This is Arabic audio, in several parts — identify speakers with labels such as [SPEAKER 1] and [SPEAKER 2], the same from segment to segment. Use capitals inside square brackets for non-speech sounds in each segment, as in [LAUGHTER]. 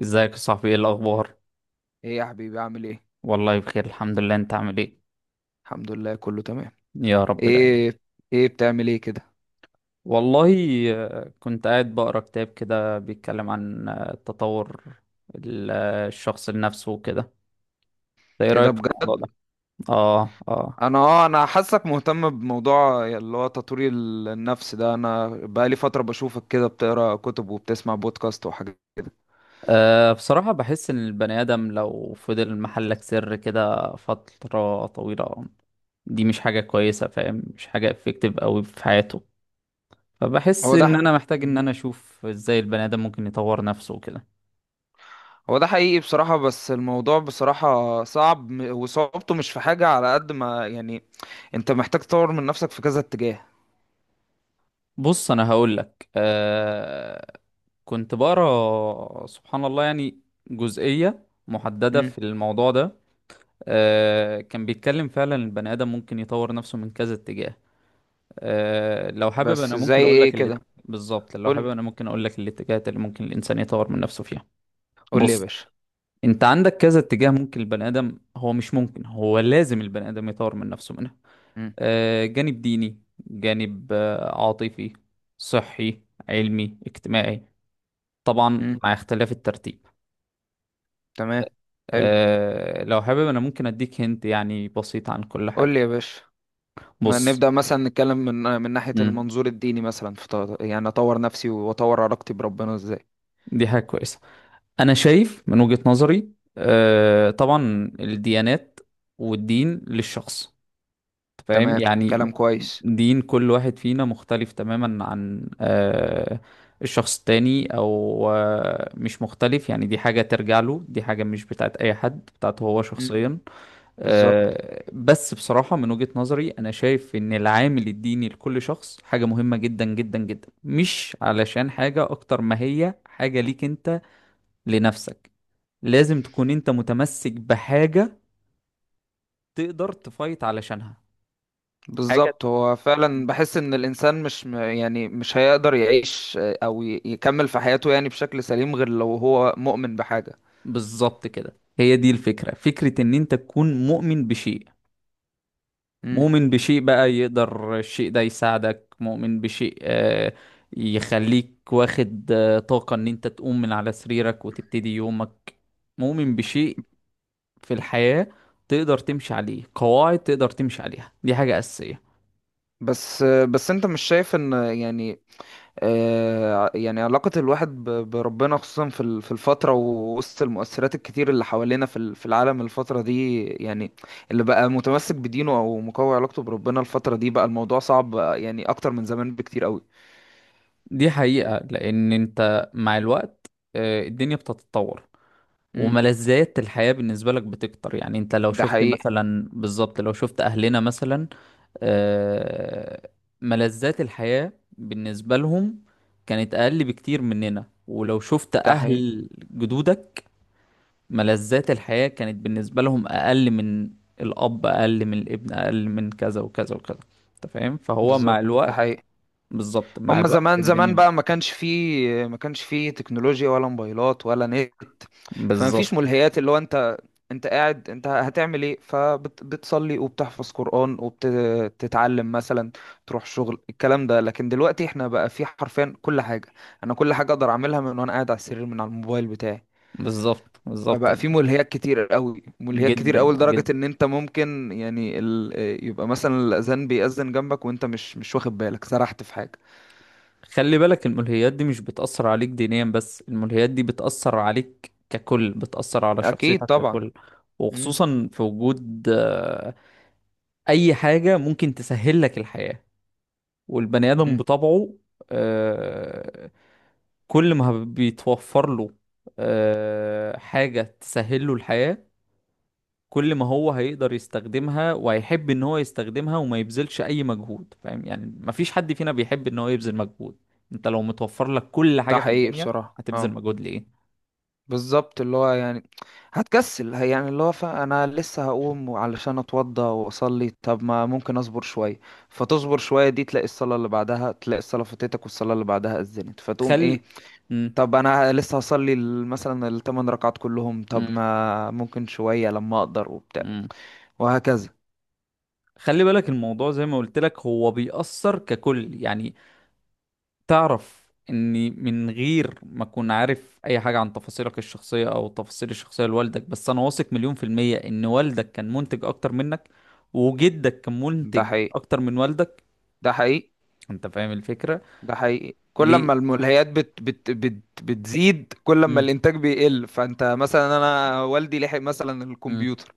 [SPEAKER 1] ازيك يا صاحبي؟ ايه الاخبار؟
[SPEAKER 2] ايه يا حبيبي، عامل ايه؟
[SPEAKER 1] والله بخير، الحمد لله. انت عامل ايه؟
[SPEAKER 2] الحمد لله، كله تمام.
[SPEAKER 1] يا رب دايما.
[SPEAKER 2] ايه. ايه، بتعمل ايه كده؟
[SPEAKER 1] والله. كنت قاعد بقرا كتاب كده بيتكلم عن تطور الشخص لنفسه وكده. انت ايه
[SPEAKER 2] ايه ده
[SPEAKER 1] رايك في
[SPEAKER 2] بجد؟
[SPEAKER 1] الموضوع ده؟ اه، اه.
[SPEAKER 2] انا حاسك مهتم بموضوع اللي هو تطوير النفس ده. انا بقالي فترة بشوفك كده بتقرا كتب وبتسمع بودكاست وحاجات.
[SPEAKER 1] بصراحة بحس إن البني آدم لو فضل محلك سر كده فترة طويلة، دي مش حاجة كويسة. فاهم؟ مش حاجة افكتيف أوي في حياته. فبحس
[SPEAKER 2] هو ده
[SPEAKER 1] إن
[SPEAKER 2] ح-
[SPEAKER 1] أنا محتاج إن أنا أشوف إزاي البني آدم ممكن يطور نفسه وكده.
[SPEAKER 2] هو ده حقيقي بصراحة، بس الموضوع بصراحة صعب، وصعوبته مش في حاجة على قد ما يعني. انت محتاج تطور من نفسك في كذا اتجاه.
[SPEAKER 1] بص، انا هقول لك. كنت بقرا سبحان الله، يعني جزئية محددة
[SPEAKER 2] امم.
[SPEAKER 1] في الموضوع ده. كان بيتكلم فعلا البني آدم ممكن يطور نفسه من كذا اتجاه. لو حابب انا
[SPEAKER 2] بس زي
[SPEAKER 1] ممكن اقول لك
[SPEAKER 2] ايه
[SPEAKER 1] اللي
[SPEAKER 2] كده؟
[SPEAKER 1] بالظبط، لو حابب
[SPEAKER 2] قول.
[SPEAKER 1] انا ممكن اقول لك الاتجاهات اللي ممكن الانسان يطور من نفسه فيها.
[SPEAKER 2] قول لي يا
[SPEAKER 1] بص،
[SPEAKER 2] باشا.
[SPEAKER 1] انت عندك كذا اتجاه ممكن البني آدم، هو مش ممكن، هو لازم البني آدم يطور من نفسه منها.
[SPEAKER 2] امم.
[SPEAKER 1] جانب ديني، جانب عاطفي، صحي، علمي، اجتماعي. طبعا
[SPEAKER 2] امم.
[SPEAKER 1] مع اختلاف الترتيب.
[SPEAKER 2] تمام. حلو.
[SPEAKER 1] لو حابب انا ممكن اديك هنت يعني بسيط عن كل
[SPEAKER 2] قول
[SPEAKER 1] حاجة.
[SPEAKER 2] لي يا باشا. ما
[SPEAKER 1] بص.
[SPEAKER 2] نبدأ مثلا نتكلم من من ناحية
[SPEAKER 1] مم.
[SPEAKER 2] المنظور الديني، مثلا في يعني أطور نفسي وأطور علاقتي بربنا إزاي؟
[SPEAKER 1] دي حاجة كويسة. انا شايف من وجهة نظري، طبعا الديانات والدين للشخص، فاهم
[SPEAKER 2] تمام، كلام
[SPEAKER 1] يعني؟
[SPEAKER 2] كويس.
[SPEAKER 1] دين كل واحد فينا مختلف تماما عن الشخص التاني، او مش مختلف يعني، دي حاجة ترجع له، دي حاجة مش بتاعت اي حد، بتاعته هو
[SPEAKER 2] مم.
[SPEAKER 1] شخصيا.
[SPEAKER 2] بالظبط.
[SPEAKER 1] بس بصراحة من وجهة نظري انا شايف ان العامل الديني لكل شخص حاجة مهمة جدا جدا جدا، مش علشان حاجة اكتر ما هي حاجة ليك انت، لنفسك. لازم تكون انت متمسك بحاجة تقدر تفايت علشانها، حاجة.
[SPEAKER 2] بالظبط، هو فعلا بحس إن الإنسان مش يعني مش هيقدر يعيش، أو يكمل في حياته، يعني بشكل سليم، غير لو هو مؤمن بحاجة.
[SPEAKER 1] بالظبط كده، هي دي الفكرة، فكرة ان انت تكون مؤمن بشيء.
[SPEAKER 2] مم.
[SPEAKER 1] مؤمن بشيء بقى يقدر الشيء ده يساعدك، مؤمن بشيء يخليك واخد طاقة ان انت تقوم من على سريرك وتبتدي يومك، مؤمن بشيء في الحياة تقدر تمشي عليه، قواعد تقدر تمشي عليها، دي حاجة أساسية.
[SPEAKER 2] بس، بس أنت مش شايف إن يعني يعني علاقة الواحد بربنا خصوصا في في الفترة، ووسط المؤثرات الكتير اللي حوالينا في في العالم الفترة دي يعني، اللي بقى متمسك بدينه أو مقوي علاقته بربنا الفترة دي بقى الموضوع صعب، يعني أكتر من زمان بكتير قوي.
[SPEAKER 1] دي حقيقة، لأن أنت مع الوقت الدنيا بتتطور،
[SPEAKER 2] امم.
[SPEAKER 1] وملذات الحياة بالنسبة لك بتكتر. يعني أنت لو
[SPEAKER 2] ده
[SPEAKER 1] شفت
[SPEAKER 2] حقيقي.
[SPEAKER 1] مثلا، بالظبط لو شفت أهلنا مثلا، آه، ملذات الحياة بالنسبة لهم كانت أقل بكتير مننا. ولو شفت
[SPEAKER 2] ده حقيقي.
[SPEAKER 1] أهل جدودك، ملذات الحياة كانت بالنسبة لهم أقل، من الأب أقل من الابن أقل من كذا وكذا وكذا. أنت فاهم؟ فهو مع
[SPEAKER 2] بالظبط، ده
[SPEAKER 1] الوقت،
[SPEAKER 2] حقيقي.
[SPEAKER 1] بالظبط مع
[SPEAKER 2] هما
[SPEAKER 1] الوقت
[SPEAKER 2] زمان زمان
[SPEAKER 1] الدنيا.
[SPEAKER 2] بقى، ما كانش فيه تكنولوجيا ولا موبايلات ولا نت. فما
[SPEAKER 1] بالظبط،
[SPEAKER 2] فيش ملهيات. اللي هو انت قاعد، انت هتعمل ايه؟ فبتصلي وبتحفظ قرآن وبتتعلم مثلا، تروح شغل، الكلام ده. لكن دلوقتي احنا بقى في حرفيا كل حاجة. انا كل حاجة اقدر اعملها من وانا قاعد على السرير من على الموبايل بتاعي.
[SPEAKER 1] بالظبط. بالظبط.
[SPEAKER 2] فبقى في ملهيات كتير قوي، ملهيات كتير
[SPEAKER 1] جدا،
[SPEAKER 2] قوي، لدرجة
[SPEAKER 1] جدا.
[SPEAKER 2] ان انت ممكن يعني يبقى مثلا الاذان بيأذن جنبك وانت مش واخد بالك، سرحت في حاجة.
[SPEAKER 1] خلي بالك، الملهيات دي مش بتأثر عليك دينيا بس، الملهيات دي بتأثر عليك ككل، بتأثر على
[SPEAKER 2] اكيد
[SPEAKER 1] شخصيتك
[SPEAKER 2] طبعا.
[SPEAKER 1] ككل.
[SPEAKER 2] مم.
[SPEAKER 1] وخصوصا في وجود أي حاجة ممكن تسهل لك الحياة، والبني آدم
[SPEAKER 2] مم.
[SPEAKER 1] بطبعه آه، كل ما بيتوفر له حاجة تسهل له الحياة، كل ما هو هيقدر يستخدمها وهيحب ان هو يستخدمها وما يبذلش اي مجهود. فاهم يعني؟ مفيش حد فينا بيحب ان هو يبذل مجهود. انت لو متوفر لك كل
[SPEAKER 2] ده
[SPEAKER 1] حاجة في
[SPEAKER 2] حقيقي
[SPEAKER 1] الدنيا،
[SPEAKER 2] بصراحة،
[SPEAKER 1] هتبذل
[SPEAKER 2] اه.
[SPEAKER 1] مجهود ليه؟
[SPEAKER 2] بالظبط، اللي هو يعني هتكسل، يعني اللي هو، انا لسه هقوم علشان اتوضى واصلي، طب ما ممكن اصبر شوية. فتصبر شوية، دي تلاقي الصلاة اللي بعدها، تلاقي الصلاة فاتتك، والصلاة اللي بعدها اذنت، فتقوم
[SPEAKER 1] خل
[SPEAKER 2] ايه؟
[SPEAKER 1] مم.
[SPEAKER 2] طب انا لسه هصلي مثلا الثمان ركعات كلهم،
[SPEAKER 1] مم.
[SPEAKER 2] طب ما ممكن شوية لما اقدر وبتاع.
[SPEAKER 1] مم.
[SPEAKER 2] وهكذا.
[SPEAKER 1] خلي بالك، الموضوع زي ما قلت لك هو بيأثر ككل يعني. تعرف اني من غير ما اكون عارف اي حاجة عن تفاصيلك الشخصية او تفاصيل الشخصية لوالدك، بس انا واثق مليون% ان والدك كان منتج اكتر منك، وجدك كان
[SPEAKER 2] ده
[SPEAKER 1] منتج
[SPEAKER 2] حقيقي.
[SPEAKER 1] اكتر من والدك.
[SPEAKER 2] ده حقيقي.
[SPEAKER 1] انت فاهم الفكرة؟
[SPEAKER 2] ده حقيقي. كل
[SPEAKER 1] ليه؟
[SPEAKER 2] ما الملهيات بت بت بت بتزيد كل ما
[SPEAKER 1] مم.
[SPEAKER 2] الانتاج بيقل. فانت مثلا، انا والدي لحق مثلا
[SPEAKER 1] مم.
[SPEAKER 2] الكمبيوتر،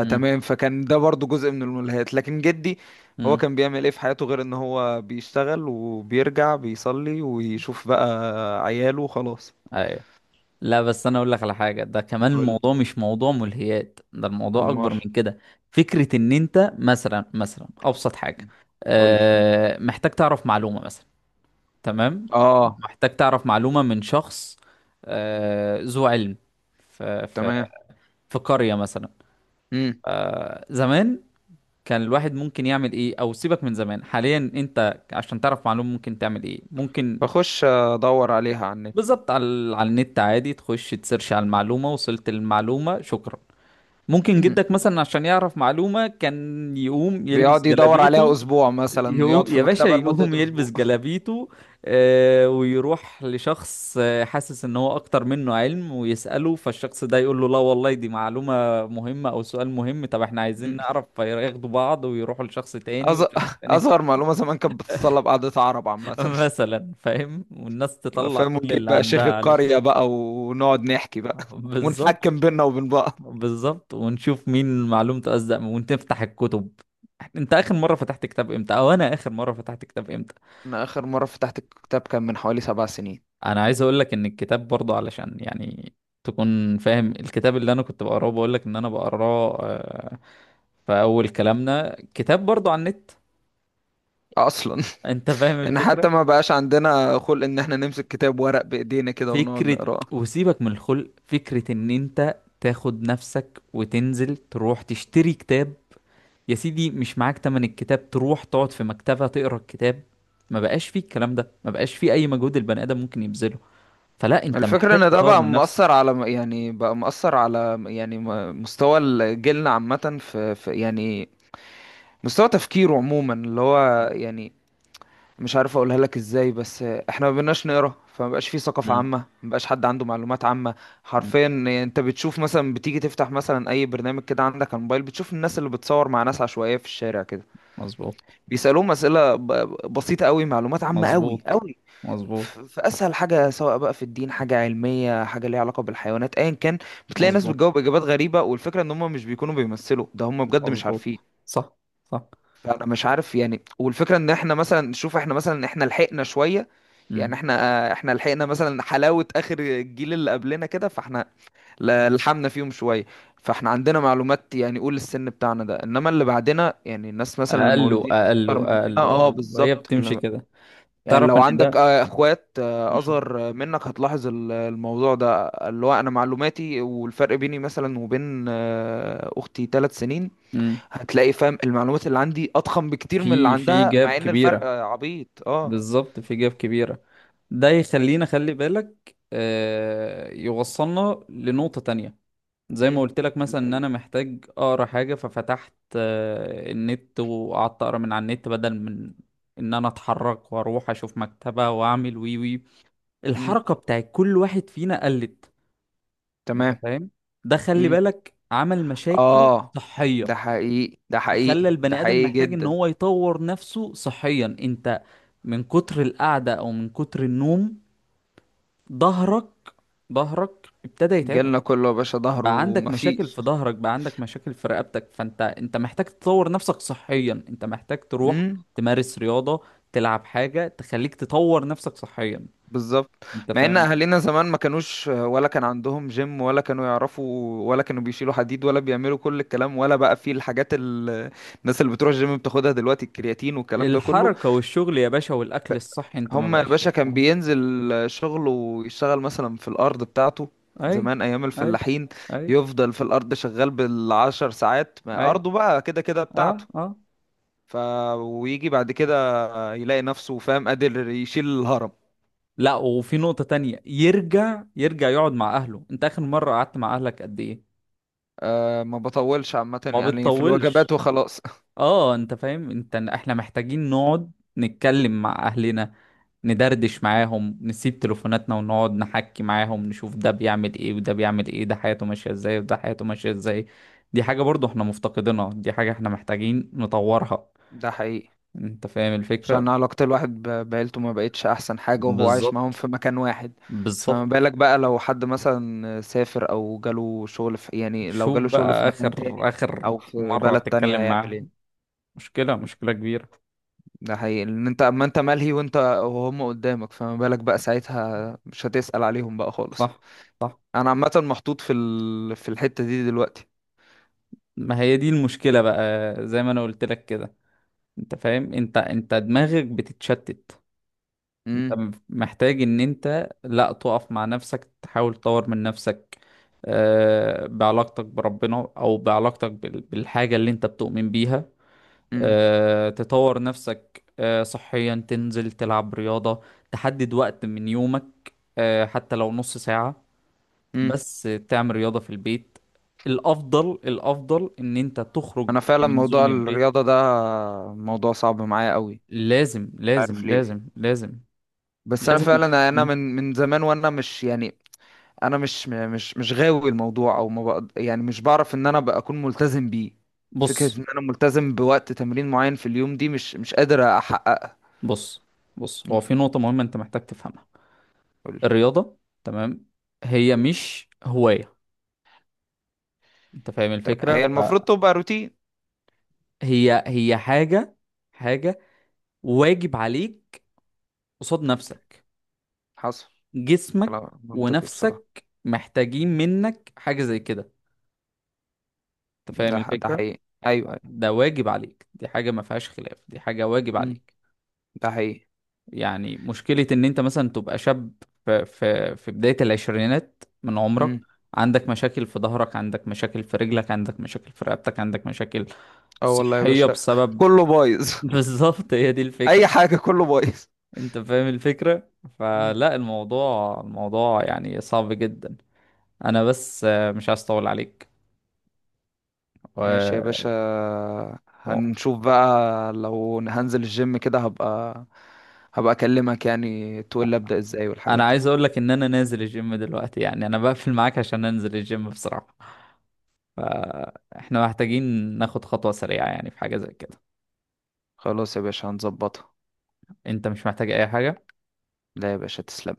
[SPEAKER 1] مم.
[SPEAKER 2] فكان ده برضو جزء من الملهيات، لكن جدي هو
[SPEAKER 1] مم.
[SPEAKER 2] كان بيعمل ايه في حياته غير ان هو بيشتغل وبيرجع بيصلي ويشوف بقى عياله، وخلاص.
[SPEAKER 1] ايوه. لا بس انا اقول لك على حاجة، ده كمان
[SPEAKER 2] قول.
[SPEAKER 1] الموضوع مش موضوع ملهيات، ده الموضوع
[SPEAKER 2] امال.
[SPEAKER 1] اكبر من كده. فكرة ان انت مثلا ابسط حاجة،
[SPEAKER 2] قول لي.
[SPEAKER 1] أه محتاج تعرف معلومة مثلا. تمام.
[SPEAKER 2] اه.
[SPEAKER 1] محتاج تعرف معلومة من شخص، أه ذو علم، في في
[SPEAKER 2] تمام.
[SPEAKER 1] في قرية مثلا.
[SPEAKER 2] امم.
[SPEAKER 1] زمان كان الواحد ممكن يعمل ايه؟ او سيبك من زمان، حاليا انت عشان تعرف معلومة ممكن تعمل ايه؟ ممكن.
[SPEAKER 2] بخش ادور عليها على النت.
[SPEAKER 1] بالظبط، على النت عادي، تخش تسيرش على المعلومة، وصلت المعلومة، شكرا. ممكن
[SPEAKER 2] مم.
[SPEAKER 1] جدك مثلا عشان يعرف معلومة كان يقوم يلبس
[SPEAKER 2] بيقعد يدور عليها
[SPEAKER 1] جلابيته.
[SPEAKER 2] اسبوع مثلا، يقعد
[SPEAKER 1] يقوم
[SPEAKER 2] في
[SPEAKER 1] يا باشا،
[SPEAKER 2] مكتبة لمدة
[SPEAKER 1] يقوم يلبس
[SPEAKER 2] اسبوع.
[SPEAKER 1] جلابيته ويروح لشخص حاسس ان هو اكتر منه علم ويسأله، فالشخص ده يقول له لا والله دي معلومة مهمة او سؤال مهم، طب احنا عايزين
[SPEAKER 2] [LAUGHS]
[SPEAKER 1] نعرف، فياخدوا بعض ويروحوا لشخص تاني،
[SPEAKER 2] أز...
[SPEAKER 1] والشخص
[SPEAKER 2] [LAUGHS]
[SPEAKER 1] التاني
[SPEAKER 2] أصغر معلومة زمان كانت بتتطلب قعدة عرب
[SPEAKER 1] [LAUGHS]
[SPEAKER 2] عامة. [LAUGHS]
[SPEAKER 1] مثلا، فاهم؟ والناس
[SPEAKER 2] لا،
[SPEAKER 1] تطلع
[SPEAKER 2] فاهم.
[SPEAKER 1] كل
[SPEAKER 2] ونجيب
[SPEAKER 1] اللي
[SPEAKER 2] بقى شيخ
[SPEAKER 1] عندها علشان
[SPEAKER 2] القرية بقى، ونقعد
[SPEAKER 1] [LAUGHS]
[SPEAKER 2] نحكي بقى. [LAUGHS]
[SPEAKER 1] بالظبط،
[SPEAKER 2] ونحكم بينا وبين بعض.
[SPEAKER 1] بالظبط، ونشوف مين معلومته أصدق ونفتح الكتب. انت اخر مره فتحت كتاب امتى؟ او انا اخر مره فتحت كتاب امتى؟
[SPEAKER 2] أنا آخر مرة فتحت الكتاب كان من حوالي 7 سنين.
[SPEAKER 1] انا عايز اقول لك ان الكتاب برضه، علشان يعني تكون فاهم، الكتاب اللي انا كنت بقراه بقول لك ان انا بقراه في اول كلامنا، كتاب برضه عن النت.
[SPEAKER 2] أصلا.
[SPEAKER 1] انت فاهم
[SPEAKER 2] [LAUGHS] إن حتى
[SPEAKER 1] الفكره؟
[SPEAKER 2] ما بقاش عندنا خلق إن إحنا نمسك كتاب ورق بإيدينا كده ونقعد
[SPEAKER 1] فكره،
[SPEAKER 2] نقراه.
[SPEAKER 1] وسيبك من الخلق، فكره ان انت تاخد نفسك وتنزل تروح تشتري كتاب. يا سيدي مش معاك تمن الكتاب، تروح تقعد في مكتبة تقرا الكتاب. ما بقاش فيه الكلام ده، ما بقاش فيه اي مجهود البني ادم ممكن يبذله. فلا، انت
[SPEAKER 2] الفكرة
[SPEAKER 1] محتاج
[SPEAKER 2] إن ده
[SPEAKER 1] تطور
[SPEAKER 2] بقى
[SPEAKER 1] من
[SPEAKER 2] مؤثر
[SPEAKER 1] نفسك.
[SPEAKER 2] على يعني بقى مؤثر على يعني مستوى جيلنا عامة، في يعني مستوى تفكيره عموما، اللي هو يعني مش عارف اقولها لك ازاي، بس احنا ما بقيناش نقرا. فما بقاش في ثقافه
[SPEAKER 1] مم.
[SPEAKER 2] عامه، ما بقاش حد عنده معلومات عامه.
[SPEAKER 1] مم.
[SPEAKER 2] حرفيا. انت بتشوف مثلا، بتيجي تفتح مثلا اي برنامج كده عندك على الموبايل، بتشوف الناس اللي بتصور مع ناس عشوائيه في الشارع كده،
[SPEAKER 1] مظبوط،
[SPEAKER 2] بيسالوهم اسئله بسيطه قوي، معلومات عامه قوي
[SPEAKER 1] مظبوط،
[SPEAKER 2] قوي،
[SPEAKER 1] مظبوط،
[SPEAKER 2] في اسهل حاجه، سواء بقى في الدين، حاجه علميه، حاجه ليها علاقه بالحيوانات، ايا كان، بتلاقي ناس
[SPEAKER 1] مظبوط،
[SPEAKER 2] بتجاوب اجابات غريبه، والفكره ان هم مش بيكونوا بيمثلوا ده، هم بجد مش عارفين.
[SPEAKER 1] مظبوط، صح. صح.
[SPEAKER 2] فانا مش عارف يعني. والفكره ان احنا مثلا، شوف، احنا مثلا، احنا لحقنا شويه. يعني
[SPEAKER 1] مم.
[SPEAKER 2] احنا لحقنا مثلا حلاوة اخر الجيل اللي قبلنا كده، فاحنا
[SPEAKER 1] مم.
[SPEAKER 2] لحمنا فيهم شوية. فاحنا عندنا معلومات يعني قول السن بتاعنا ده، انما اللي بعدنا يعني الناس مثلا
[SPEAKER 1] اقله،
[SPEAKER 2] المولودين
[SPEAKER 1] اقله،
[SPEAKER 2] اكتر مننا،
[SPEAKER 1] اقله،
[SPEAKER 2] اه
[SPEAKER 1] اقله، وهي
[SPEAKER 2] بالظبط
[SPEAKER 1] بتمشي كده.
[SPEAKER 2] يعني
[SPEAKER 1] تعرف
[SPEAKER 2] لو
[SPEAKER 1] ان
[SPEAKER 2] عندك
[SPEAKER 1] ده،
[SPEAKER 2] اخوات
[SPEAKER 1] مم.
[SPEAKER 2] اصغر منك، هتلاحظ الموضوع ده، اللي هو انا معلوماتي، والفرق بيني مثلا وبين اختي 3 سنين،
[SPEAKER 1] مم.
[SPEAKER 2] هتلاقي فاهم المعلومات اللي عندي اضخم بكتير من اللي
[SPEAKER 1] في
[SPEAKER 2] عندها،
[SPEAKER 1] جاب
[SPEAKER 2] مع ان الفرق
[SPEAKER 1] كبيرة.
[SPEAKER 2] عبيط، اه.
[SPEAKER 1] بالظبط، في جاب كبيرة. ده يخلينا، خلي بالك يوصلنا لنقطة تانية. زي ما
[SPEAKER 2] امم.
[SPEAKER 1] قلت لك
[SPEAKER 2] ال-
[SPEAKER 1] مثلا ان
[SPEAKER 2] ال-
[SPEAKER 1] انا محتاج اقرا حاجة، ففتحت النت وقعدت اقرا من على النت بدل من ان انا اتحرك واروح اشوف مكتبة واعمل وي وي.
[SPEAKER 2] امم.
[SPEAKER 1] الحركة بتاعت كل واحد فينا قلت. انت
[SPEAKER 2] تمام.
[SPEAKER 1] فاهم؟ ده خلي
[SPEAKER 2] مم.
[SPEAKER 1] بالك، عمل مشاكل
[SPEAKER 2] اه.
[SPEAKER 1] صحية.
[SPEAKER 2] ده حقيقي. ده
[SPEAKER 1] فخلى
[SPEAKER 2] حقيقي. ده
[SPEAKER 1] البني ادم
[SPEAKER 2] حقيقي
[SPEAKER 1] محتاج ان
[SPEAKER 2] جدا.
[SPEAKER 1] هو يطور نفسه صحيا. انت من كتر القعدة او من كتر النوم، ظهرك ظهرك ابتدى يتعبك،
[SPEAKER 2] جيلنا كله يا باشا ظهره
[SPEAKER 1] بقى عندك مشاكل
[SPEAKER 2] ومفيش.
[SPEAKER 1] في ظهرك، بقى عندك مشاكل في رقبتك، فانت محتاج تطور نفسك صحيا، انت محتاج تروح
[SPEAKER 2] امم.
[SPEAKER 1] تمارس رياضة، تلعب حاجة تخليك تطور نفسك صحيا.
[SPEAKER 2] بالظبط.
[SPEAKER 1] انت
[SPEAKER 2] مع ان
[SPEAKER 1] فاهم؟
[SPEAKER 2] اهالينا زمان ما كانوش، ولا كان عندهم جيم، ولا كانوا يعرفوا، ولا كانوا بيشيلوا حديد، ولا بيعملوا كل الكلام، ولا بقى في الحاجات الناس اللي بتروح الجيم بتاخدها دلوقتي، الكرياتين والكلام ده كله.
[SPEAKER 1] الحركة والشغل يا باشا، والاكل الصحي انت ما
[SPEAKER 2] هما يا
[SPEAKER 1] بقاش
[SPEAKER 2] باشا
[SPEAKER 1] فيه.
[SPEAKER 2] كان بينزل شغله ويشتغل مثلا في الأرض بتاعته،
[SPEAKER 1] اي،
[SPEAKER 2] زمان أيام
[SPEAKER 1] اي،
[SPEAKER 2] الفلاحين،
[SPEAKER 1] اي،
[SPEAKER 2] يفضل في الأرض شغال بالعشر ساعات، ما
[SPEAKER 1] اي.
[SPEAKER 2] أرضه بقى كده كده
[SPEAKER 1] اه،
[SPEAKER 2] بتاعته.
[SPEAKER 1] اه.
[SPEAKER 2] ف ويجي بعد كده يلاقي نفسه، فاهم، قادر يشيل الهرم.
[SPEAKER 1] لا، وفي نقطة تانية يرجع يقعد مع اهله. انت اخر مرة قعدت مع اهلك قد ايه؟
[SPEAKER 2] أه، ما بطولش عامة،
[SPEAKER 1] ما
[SPEAKER 2] يعني في الوجبات
[SPEAKER 1] بتطولش.
[SPEAKER 2] وخلاص.
[SPEAKER 1] اه، انت فاهم؟ انت احنا محتاجين نقعد نتكلم مع اهلنا، ندردش معاهم، نسيب تليفوناتنا ونقعد نحكي معاهم، نشوف ده بيعمل ايه وده بيعمل ايه، ده حياته ماشية ازاي وده حياته ماشية ازاي. دي حاجة برضو احنا مفتقدينها، دي حاجة احنا محتاجين نطورها.
[SPEAKER 2] [LAUGHS] ده حقيقي.
[SPEAKER 1] انت فاهم
[SPEAKER 2] عشان
[SPEAKER 1] الفكرة؟
[SPEAKER 2] علاقة الواحد بعيلته ما بقتش أحسن حاجة وهو عايش معاهم
[SPEAKER 1] بالظبط،
[SPEAKER 2] في مكان واحد. فما
[SPEAKER 1] بالظبط.
[SPEAKER 2] بالك بقى لو حد مثلا سافر أو جاله شغل في، يعني لو
[SPEAKER 1] شوف
[SPEAKER 2] جاله شغل في
[SPEAKER 1] بقى،
[SPEAKER 2] مكان
[SPEAKER 1] اخر
[SPEAKER 2] تاني
[SPEAKER 1] اخر
[SPEAKER 2] أو في
[SPEAKER 1] مرة
[SPEAKER 2] بلد تانية،
[SPEAKER 1] تتكلم
[SPEAKER 2] هيعمل
[SPEAKER 1] معاه،
[SPEAKER 2] ايه؟
[SPEAKER 1] مشكلة، مشكلة كبيرة.
[SPEAKER 2] ده حقيقي، إن أنت، أما أنت ملهي وأنت وهم قدامك، فما بالك بقى ساعتها، مش هتسأل عليهم بقى خالص.
[SPEAKER 1] صح، صح.
[SPEAKER 2] أنا عامة محطوط في في الحتة دي دلوقتي.
[SPEAKER 1] ما هي دي المشكلة بقى، زي ما انا قلت لك كده. انت فاهم؟ انت دماغك بتتشتت. انت
[SPEAKER 2] امم.
[SPEAKER 1] محتاج ان انت لا تقف مع نفسك، تحاول تطور من نفسك بعلاقتك بربنا او بعلاقتك بالحاجة اللي انت بتؤمن بيها،
[SPEAKER 2] امم.
[SPEAKER 1] تطور نفسك صحيا، تنزل تلعب رياضة، تحدد وقت من يومك حتى لو نص ساعة
[SPEAKER 2] امم.
[SPEAKER 1] بس، تعمل رياضة في البيت. الافضل ان انت تخرج
[SPEAKER 2] أنا فعلا
[SPEAKER 1] من
[SPEAKER 2] موضوع
[SPEAKER 1] زون البيت.
[SPEAKER 2] الرياضة ده موضوع صعب معايا قوي.
[SPEAKER 1] لازم،
[SPEAKER 2] عارف
[SPEAKER 1] لازم،
[SPEAKER 2] ليه؟
[SPEAKER 1] لازم، لازم،
[SPEAKER 2] بس انا
[SPEAKER 1] لازم.
[SPEAKER 2] فعلا، انا من زمان، وانا مش يعني، انا مش غاوي الموضوع او ما بقد، يعني مش بعرف ان انا بقى اكون ملتزم بيه.
[SPEAKER 1] بص.
[SPEAKER 2] فكرة ان انا ملتزم بوقت تمرين معين في اليوم دي مش قادر احققها.
[SPEAKER 1] بص، بص، هو
[SPEAKER 2] مم.
[SPEAKER 1] في نقطة مهمة انت محتاج تفهمها.
[SPEAKER 2] قولي.
[SPEAKER 1] الرياضة، تمام، هي مش هواية. انت فاهم
[SPEAKER 2] طب
[SPEAKER 1] الفكرة؟
[SPEAKER 2] هي المفروض تبقى روتين.
[SPEAKER 1] فهي حاجة واجب عليك. قصاد نفسك،
[SPEAKER 2] حصل.
[SPEAKER 1] جسمك
[SPEAKER 2] كلام منطقي بصراحة.
[SPEAKER 1] ونفسك محتاجين منك حاجة زي كده. انت فاهم
[SPEAKER 2] ده
[SPEAKER 1] الفكرة؟
[SPEAKER 2] حقيقي. ايوه، ايوه.
[SPEAKER 1] ده واجب عليك، دي حاجة ما فيهاش خلاف، دي حاجة واجب
[SPEAKER 2] مم.
[SPEAKER 1] عليك.
[SPEAKER 2] ده حقيقي.
[SPEAKER 1] يعني مشكلة ان انت مثلا تبقى شاب في بداية العشرينات من عمرك،
[SPEAKER 2] مم.
[SPEAKER 1] عندك مشاكل في ظهرك، عندك مشاكل في رجلك، عندك مشاكل في رقبتك، عندك مشاكل
[SPEAKER 2] اه، والله يا
[SPEAKER 1] صحية
[SPEAKER 2] باشا،
[SPEAKER 1] بسبب...
[SPEAKER 2] كله بايظ.
[SPEAKER 1] [LAUGHS]
[SPEAKER 2] [LAUGHS]
[SPEAKER 1] بالظبط، هي دي
[SPEAKER 2] اي
[SPEAKER 1] الفكرة.
[SPEAKER 2] حاجة، كله بايظ.
[SPEAKER 1] انت فاهم الفكرة؟ فلا، الموضوع يعني صعب جدا. انا بس مش عايز اطول عليك.
[SPEAKER 2] ماشي
[SPEAKER 1] و...
[SPEAKER 2] يا باشا.
[SPEAKER 1] و...
[SPEAKER 2] هنشوف بقى لو هنزل الجيم كده، هبقى اكلمك، يعني تقول لي ابدأ ازاي والحاجات
[SPEAKER 1] انا
[SPEAKER 2] دي.
[SPEAKER 1] عايز اقول لك ان انا نازل الجيم دلوقتي، يعني انا بقفل معاك عشان انزل الجيم بصراحة. فاحنا محتاجين ناخد خطوة سريعة يعني في حاجة زي كده.
[SPEAKER 2] خلاص يا باشا، هنظبطها.
[SPEAKER 1] انت مش محتاج اي حاجة.
[SPEAKER 2] لا يا باشا، تسلم.